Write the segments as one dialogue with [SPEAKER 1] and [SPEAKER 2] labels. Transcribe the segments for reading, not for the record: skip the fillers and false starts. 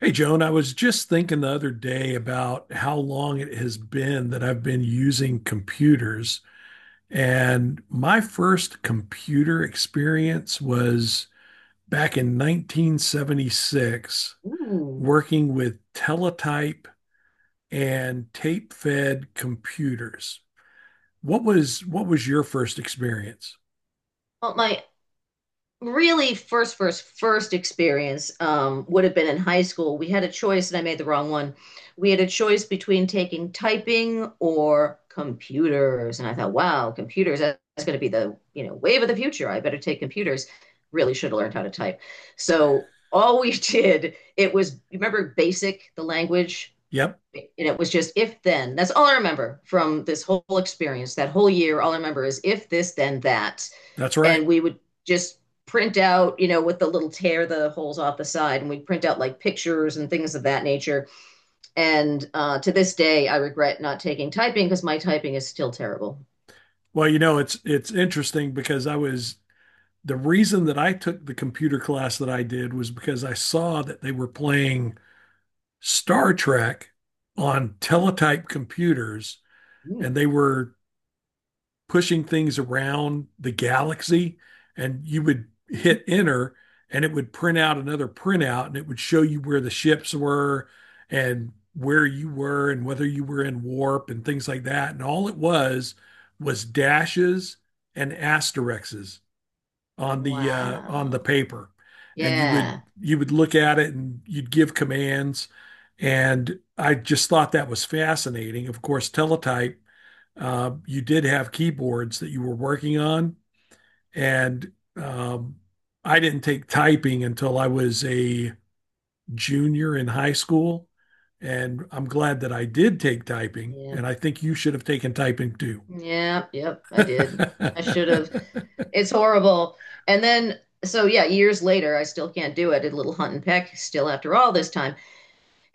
[SPEAKER 1] Hey, Joan, I was just thinking the other day about how long it has been that I've been using computers. And my first computer experience was back in 1976,
[SPEAKER 2] Ooh.
[SPEAKER 1] working with teletype and tape-fed computers. What was your first experience?
[SPEAKER 2] Well, my really first experience would have been in high school. We had a choice, and I made the wrong one. We had a choice between taking typing or computers, and I thought, wow, computers, that's going to be the wave of the future. I better take computers. Really should have learned how to type. So all we did, it was, you remember BASIC, the language,
[SPEAKER 1] Yep,
[SPEAKER 2] and it was just if then. That's all I remember from this whole experience, that whole year. All I remember is if this, then that.
[SPEAKER 1] that's right.
[SPEAKER 2] And we would just print out, you know, with the little tear the holes off the side, and we'd print out like pictures and things of that nature. And to this day, I regret not taking typing because my typing is still terrible.
[SPEAKER 1] Well, you know, it's interesting because I was the reason that I took the computer class that I did was because I saw that they were playing Star Trek on teletype computers and
[SPEAKER 2] Ooh,
[SPEAKER 1] they were pushing things around the galaxy and you would hit enter and it would print out another printout and it would show you where the ships were and where you were and whether you were in warp and things like that and all it was dashes and asterisks on the
[SPEAKER 2] wow.
[SPEAKER 1] paper, and you would
[SPEAKER 2] Yeah.
[SPEAKER 1] you would look at it and you'd give commands, and I just thought that was fascinating. Of course, teletype, you did have keyboards that you were working on, and I didn't take typing until I was a junior in high school, and I'm glad that I did take typing,
[SPEAKER 2] Yeah.
[SPEAKER 1] and I think you should have taken typing too.
[SPEAKER 2] Yeah. Yep. I did. I should have. It's horrible. And then, so yeah, years later, I still can't do it. I did a little hunt and peck still after all this time.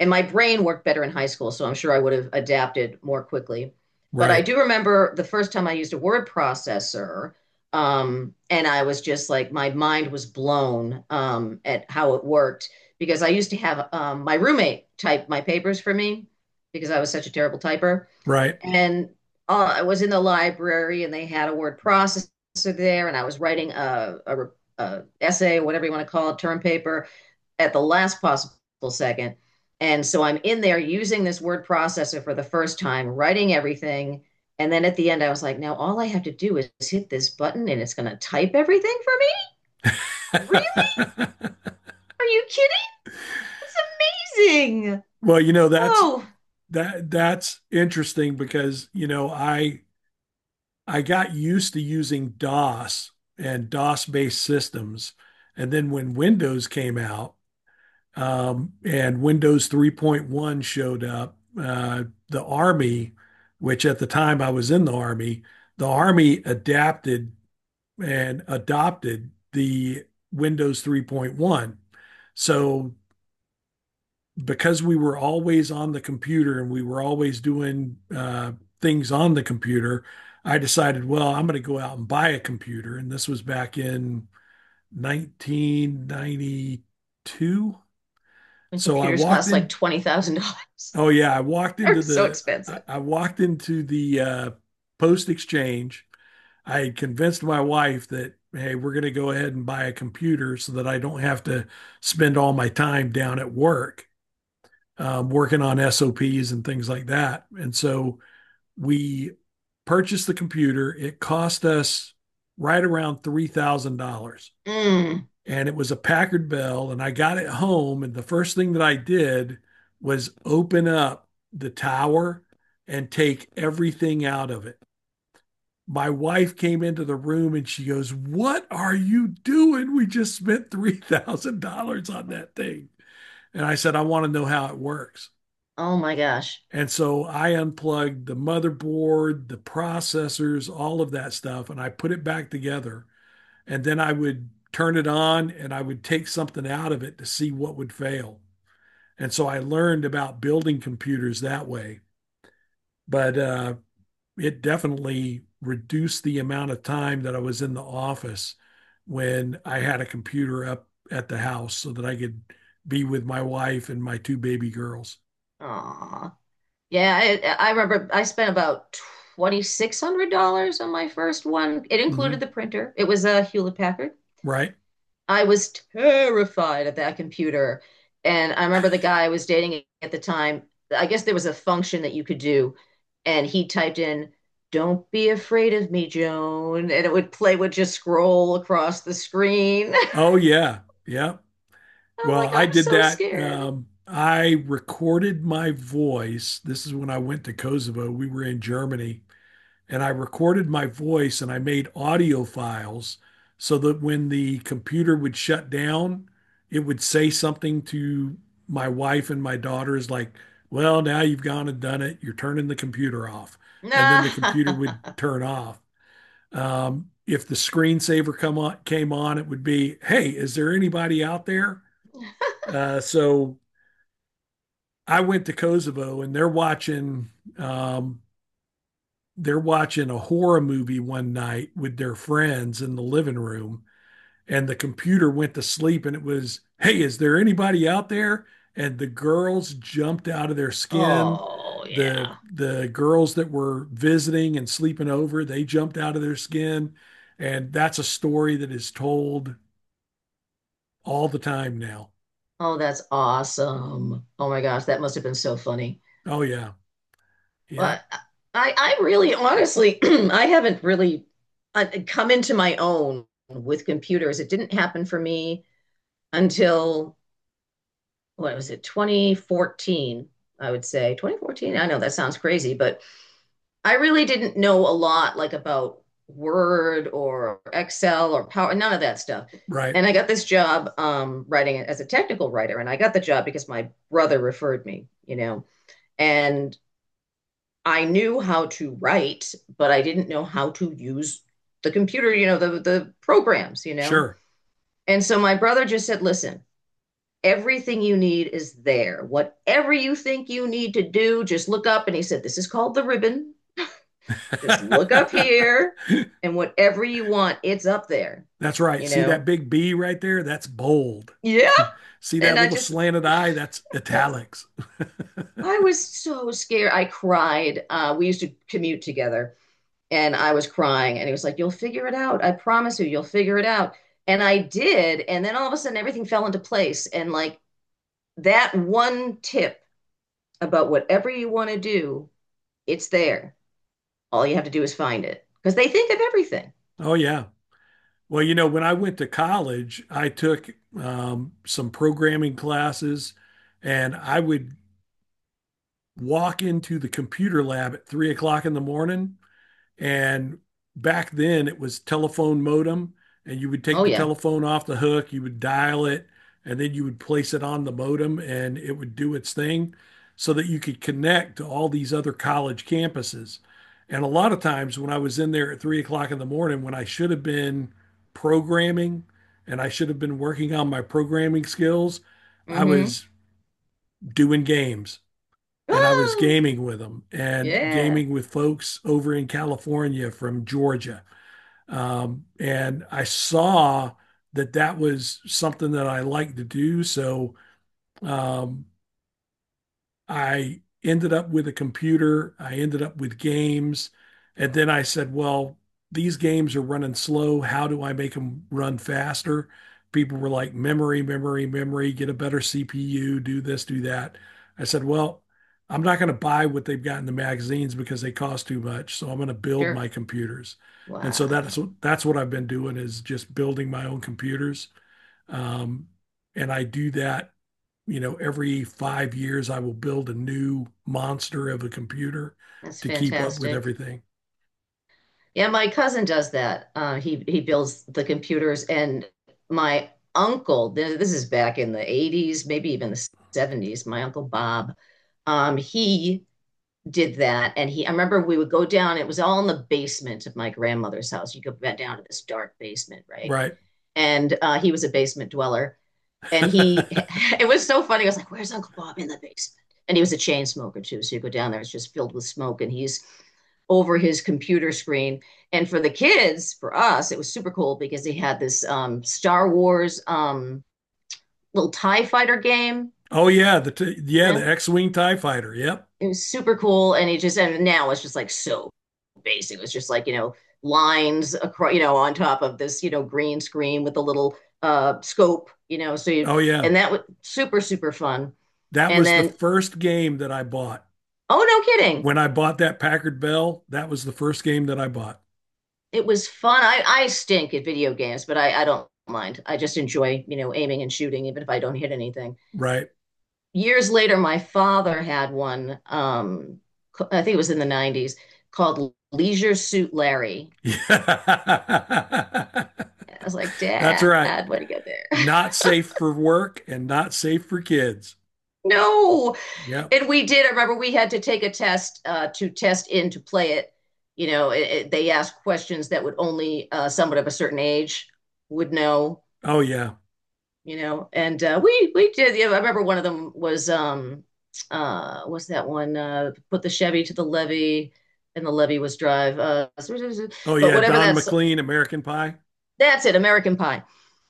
[SPEAKER 2] And my brain worked better in high school, so I'm sure I would have adapted more quickly. But I
[SPEAKER 1] Right,
[SPEAKER 2] do remember the first time I used a word processor, and I was just like, my mind was blown at how it worked because I used to have my roommate type my papers for me because I was such a terrible typer
[SPEAKER 1] right.
[SPEAKER 2] and I was in the library and they had a word processor there and I was writing a essay, whatever you want to call it, term paper at the last possible second. And so I'm in there using this word processor for the first time, writing everything. And then at the end, I was like, now all I have to do is hit this button and it's going to type everything for me? Really? Are you kidding? It's amazing.
[SPEAKER 1] Well, you know, that's
[SPEAKER 2] Oh,
[SPEAKER 1] that that's interesting because, you know, I got used to using DOS and DOS-based systems. And then when Windows came out, and Windows 3.1 showed up, the Army, which at the time I was in the Army adapted and adopted the Windows 3.1. So because we were always on the computer and we were always doing things on the computer, I decided, well, I'm going to go out and buy a computer. And this was back in 1992.
[SPEAKER 2] when
[SPEAKER 1] So I
[SPEAKER 2] computers
[SPEAKER 1] walked
[SPEAKER 2] cost like
[SPEAKER 1] in.
[SPEAKER 2] $20,000,
[SPEAKER 1] Oh yeah,
[SPEAKER 2] they're so
[SPEAKER 1] I,
[SPEAKER 2] expensive.
[SPEAKER 1] I walked into the post exchange. I had convinced my wife that hey, we're going to go ahead and buy a computer so that I don't have to spend all my time down at work, working on SOPs and things like that. And so we purchased the computer. It cost us right around $3,000.
[SPEAKER 2] Mm.
[SPEAKER 1] And it was a Packard Bell. And I got it home. And the first thing that I did was open up the tower and take everything out of it. My wife came into the room and she goes, "What are you doing? We just spent $3,000 on that thing." And I said, "I want to know how it works."
[SPEAKER 2] Oh my gosh.
[SPEAKER 1] And so I unplugged the motherboard, the processors, all of that stuff, and I put it back together. And then I would turn it on and I would take something out of it to see what would fail. And so I learned about building computers that way. But it definitely reduced the amount of time that I was in the office when I had a computer up at the house so that I could be with my wife and my two baby girls.
[SPEAKER 2] Aw. Yeah, I remember I spent about $2,600 on my first one. It included
[SPEAKER 1] Hmm.
[SPEAKER 2] the printer. It was a Hewlett Packard.
[SPEAKER 1] Right.
[SPEAKER 2] I was terrified of that computer. And I remember the guy I was dating at the time, I guess there was a function that you could do, and he typed in, "Don't be afraid of me, Joan," and it would play would just scroll across the screen. I
[SPEAKER 1] Oh, yeah. Yeah.
[SPEAKER 2] was
[SPEAKER 1] Well,
[SPEAKER 2] like,
[SPEAKER 1] I
[SPEAKER 2] I'm
[SPEAKER 1] did
[SPEAKER 2] so
[SPEAKER 1] that.
[SPEAKER 2] scared.
[SPEAKER 1] I recorded my voice. This is when I went to Kosovo. We were in Germany, and I recorded my voice and I made audio files so that when the computer would shut down, it would say something to my wife and my daughters like, "Well, now you've gone and done it. You're turning the computer off." And then the computer
[SPEAKER 2] Nah.
[SPEAKER 1] would turn off. If the screensaver come on, came on, it would be, "Hey, is there anybody out there?" So I went to Kosovo and um, they're watching a horror movie one night with their friends in the living room and the computer went to sleep and it was, "Hey, is there anybody out there?" And the girls jumped out of their skin.
[SPEAKER 2] Oh,
[SPEAKER 1] The
[SPEAKER 2] yeah.
[SPEAKER 1] the girls that were visiting and sleeping over, they jumped out of their skin. And that's a story that is told all the time now.
[SPEAKER 2] Oh, that's awesome. Oh my gosh, that must have been so funny.
[SPEAKER 1] Oh yeah.
[SPEAKER 2] Well,
[SPEAKER 1] Yeah.
[SPEAKER 2] I really honestly, I haven't really come into my own with computers. It didn't happen for me until, what was it, 2014, I would say. 2014, I know that sounds crazy, but I really didn't know a lot like about Word or Excel or Power, none of that stuff.
[SPEAKER 1] Right.
[SPEAKER 2] And I got this job writing as a technical writer, and I got the job because my brother referred me, you know. And I knew how to write, but I didn't know how to use the computer, you know, the programs, you know.
[SPEAKER 1] Sure.
[SPEAKER 2] And so my brother just said, "Listen, everything you need is there. Whatever you think you need to do, just look up." And he said, "This is called the ribbon. Just look up here, and whatever you want, it's up there."
[SPEAKER 1] That's right.
[SPEAKER 2] You
[SPEAKER 1] See that
[SPEAKER 2] know.
[SPEAKER 1] big B right there? That's bold.
[SPEAKER 2] Yeah.
[SPEAKER 1] See that
[SPEAKER 2] And I
[SPEAKER 1] little
[SPEAKER 2] just
[SPEAKER 1] slanted I? That's italics.
[SPEAKER 2] I was so scared. I cried. We used to commute together. And I was crying. And he was like, you'll figure it out. I promise you, you'll figure it out. And I did. And then all of a sudden, everything fell into place. And like that one tip about whatever you want to do, it's there. All you have to do is find it because they think of everything.
[SPEAKER 1] Oh, yeah. Well, you know, when I went to college, I took some programming classes and I would walk into the computer lab at 3 o'clock in the morning. And back then it was telephone modem, and you would take
[SPEAKER 2] Oh,
[SPEAKER 1] the
[SPEAKER 2] yeah.
[SPEAKER 1] telephone off the hook, you would dial it, and then you would place it on the modem, and it would do its thing so that you could connect to all these other college campuses. And a lot of times when I was in there at 3 o'clock in the morning, when I should have been programming and I should have been working on my programming skills,
[SPEAKER 2] Mm
[SPEAKER 1] I
[SPEAKER 2] hmm.
[SPEAKER 1] was doing games and I was
[SPEAKER 2] Oh,
[SPEAKER 1] gaming with them and
[SPEAKER 2] yeah.
[SPEAKER 1] gaming with folks over in California from Georgia. And I saw that that was something that I liked to do. So um, I ended up with a computer. I ended up with games. And then I said, well, these games are running slow. How do I make them run faster? People were like, memory, memory, memory, get a better CPU, do this, do that. I said, well, I'm not going to buy what they've got in the magazines because they cost too much. So I'm going to build my
[SPEAKER 2] Sure.
[SPEAKER 1] computers. And so that's
[SPEAKER 2] Wow.
[SPEAKER 1] that's what I've been doing is just building my own computers. Um, and I do that, you know, every 5 years I will build a new monster of a computer
[SPEAKER 2] That's
[SPEAKER 1] to keep up with
[SPEAKER 2] fantastic.
[SPEAKER 1] everything.
[SPEAKER 2] Yeah, my cousin does that. He builds the computers, and my uncle, this is back in the 80s, maybe even the 70s, my uncle Bob, he did that. And he, I remember we would go down, it was all in the basement of my grandmother's house. You go back down to this dark basement, right?
[SPEAKER 1] Right.
[SPEAKER 2] And he was a basement dweller. And he, it was so funny. I was like, "Where's Uncle Bob in the basement?" And he was a chain smoker too, so you go down there, it's just filled with smoke, and he's over his computer screen. And for the kids, for us, it was super cool because he had this Star Wars little TIE fighter game.
[SPEAKER 1] Oh yeah, yeah, the
[SPEAKER 2] Yeah,
[SPEAKER 1] X-Wing TIE fighter. Yep.
[SPEAKER 2] it was super cool. And he just, and now it's just like so basic. It was just like, you know, lines across, you know, on top of this, you know, green screen with a little scope, you know. So you,
[SPEAKER 1] Oh yeah.
[SPEAKER 2] and that was super, super fun.
[SPEAKER 1] That
[SPEAKER 2] And
[SPEAKER 1] was the
[SPEAKER 2] then,
[SPEAKER 1] first game that I bought.
[SPEAKER 2] oh, no kidding.
[SPEAKER 1] When I bought that Packard Bell, that was the first game that I bought.
[SPEAKER 2] It was fun. I stink at video games, but I don't mind. I just enjoy, you know, aiming and shooting, even if I don't hit anything.
[SPEAKER 1] Right.
[SPEAKER 2] Years later, my father had one. I think it was in the 90s called Leisure Suit Larry.
[SPEAKER 1] Yeah.
[SPEAKER 2] I was like,
[SPEAKER 1] That's
[SPEAKER 2] Dad,
[SPEAKER 1] right.
[SPEAKER 2] what do you get there?
[SPEAKER 1] Not safe for work and not safe for kids.
[SPEAKER 2] No.
[SPEAKER 1] Yep.
[SPEAKER 2] And we did. I remember we had to take a test to test in to play it. You know, they asked questions that would only someone of a certain age would know.
[SPEAKER 1] Oh yeah.
[SPEAKER 2] You know and we did yeah, I remember one of them was what's that one put the Chevy to the levee and the levee was drive
[SPEAKER 1] Oh
[SPEAKER 2] but
[SPEAKER 1] yeah,
[SPEAKER 2] whatever,
[SPEAKER 1] Don McLean, American Pie.
[SPEAKER 2] that's it, American Pie.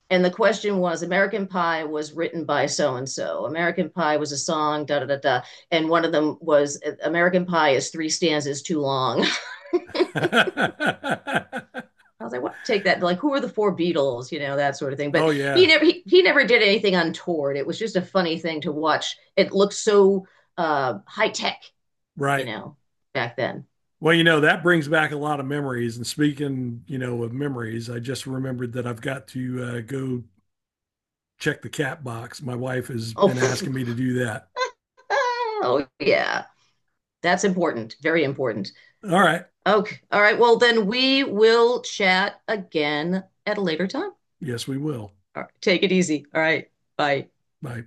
[SPEAKER 2] And the question was American Pie was written by so and so, American Pie was a song da da da da, and one of them was American Pie is three stanzas too long. I was like, what take that? Like, who are the four Beatles? You know, that sort of thing.
[SPEAKER 1] Oh
[SPEAKER 2] But he
[SPEAKER 1] yeah,
[SPEAKER 2] never he never did anything untoward. It was just a funny thing to watch. It looked so high tech, you
[SPEAKER 1] right.
[SPEAKER 2] know, back then.
[SPEAKER 1] Well, you know, that brings back a lot of memories. And speaking, you know, of memories, I just remembered that I've got to go check the cat box. My wife has
[SPEAKER 2] Oh,
[SPEAKER 1] been asking me to do that.
[SPEAKER 2] oh yeah. That's important. Very important.
[SPEAKER 1] All right.
[SPEAKER 2] Okay. All right. Well, then we will chat again at a later time.
[SPEAKER 1] Yes, we will.
[SPEAKER 2] All right. Take it easy. All right. Bye.
[SPEAKER 1] Bye.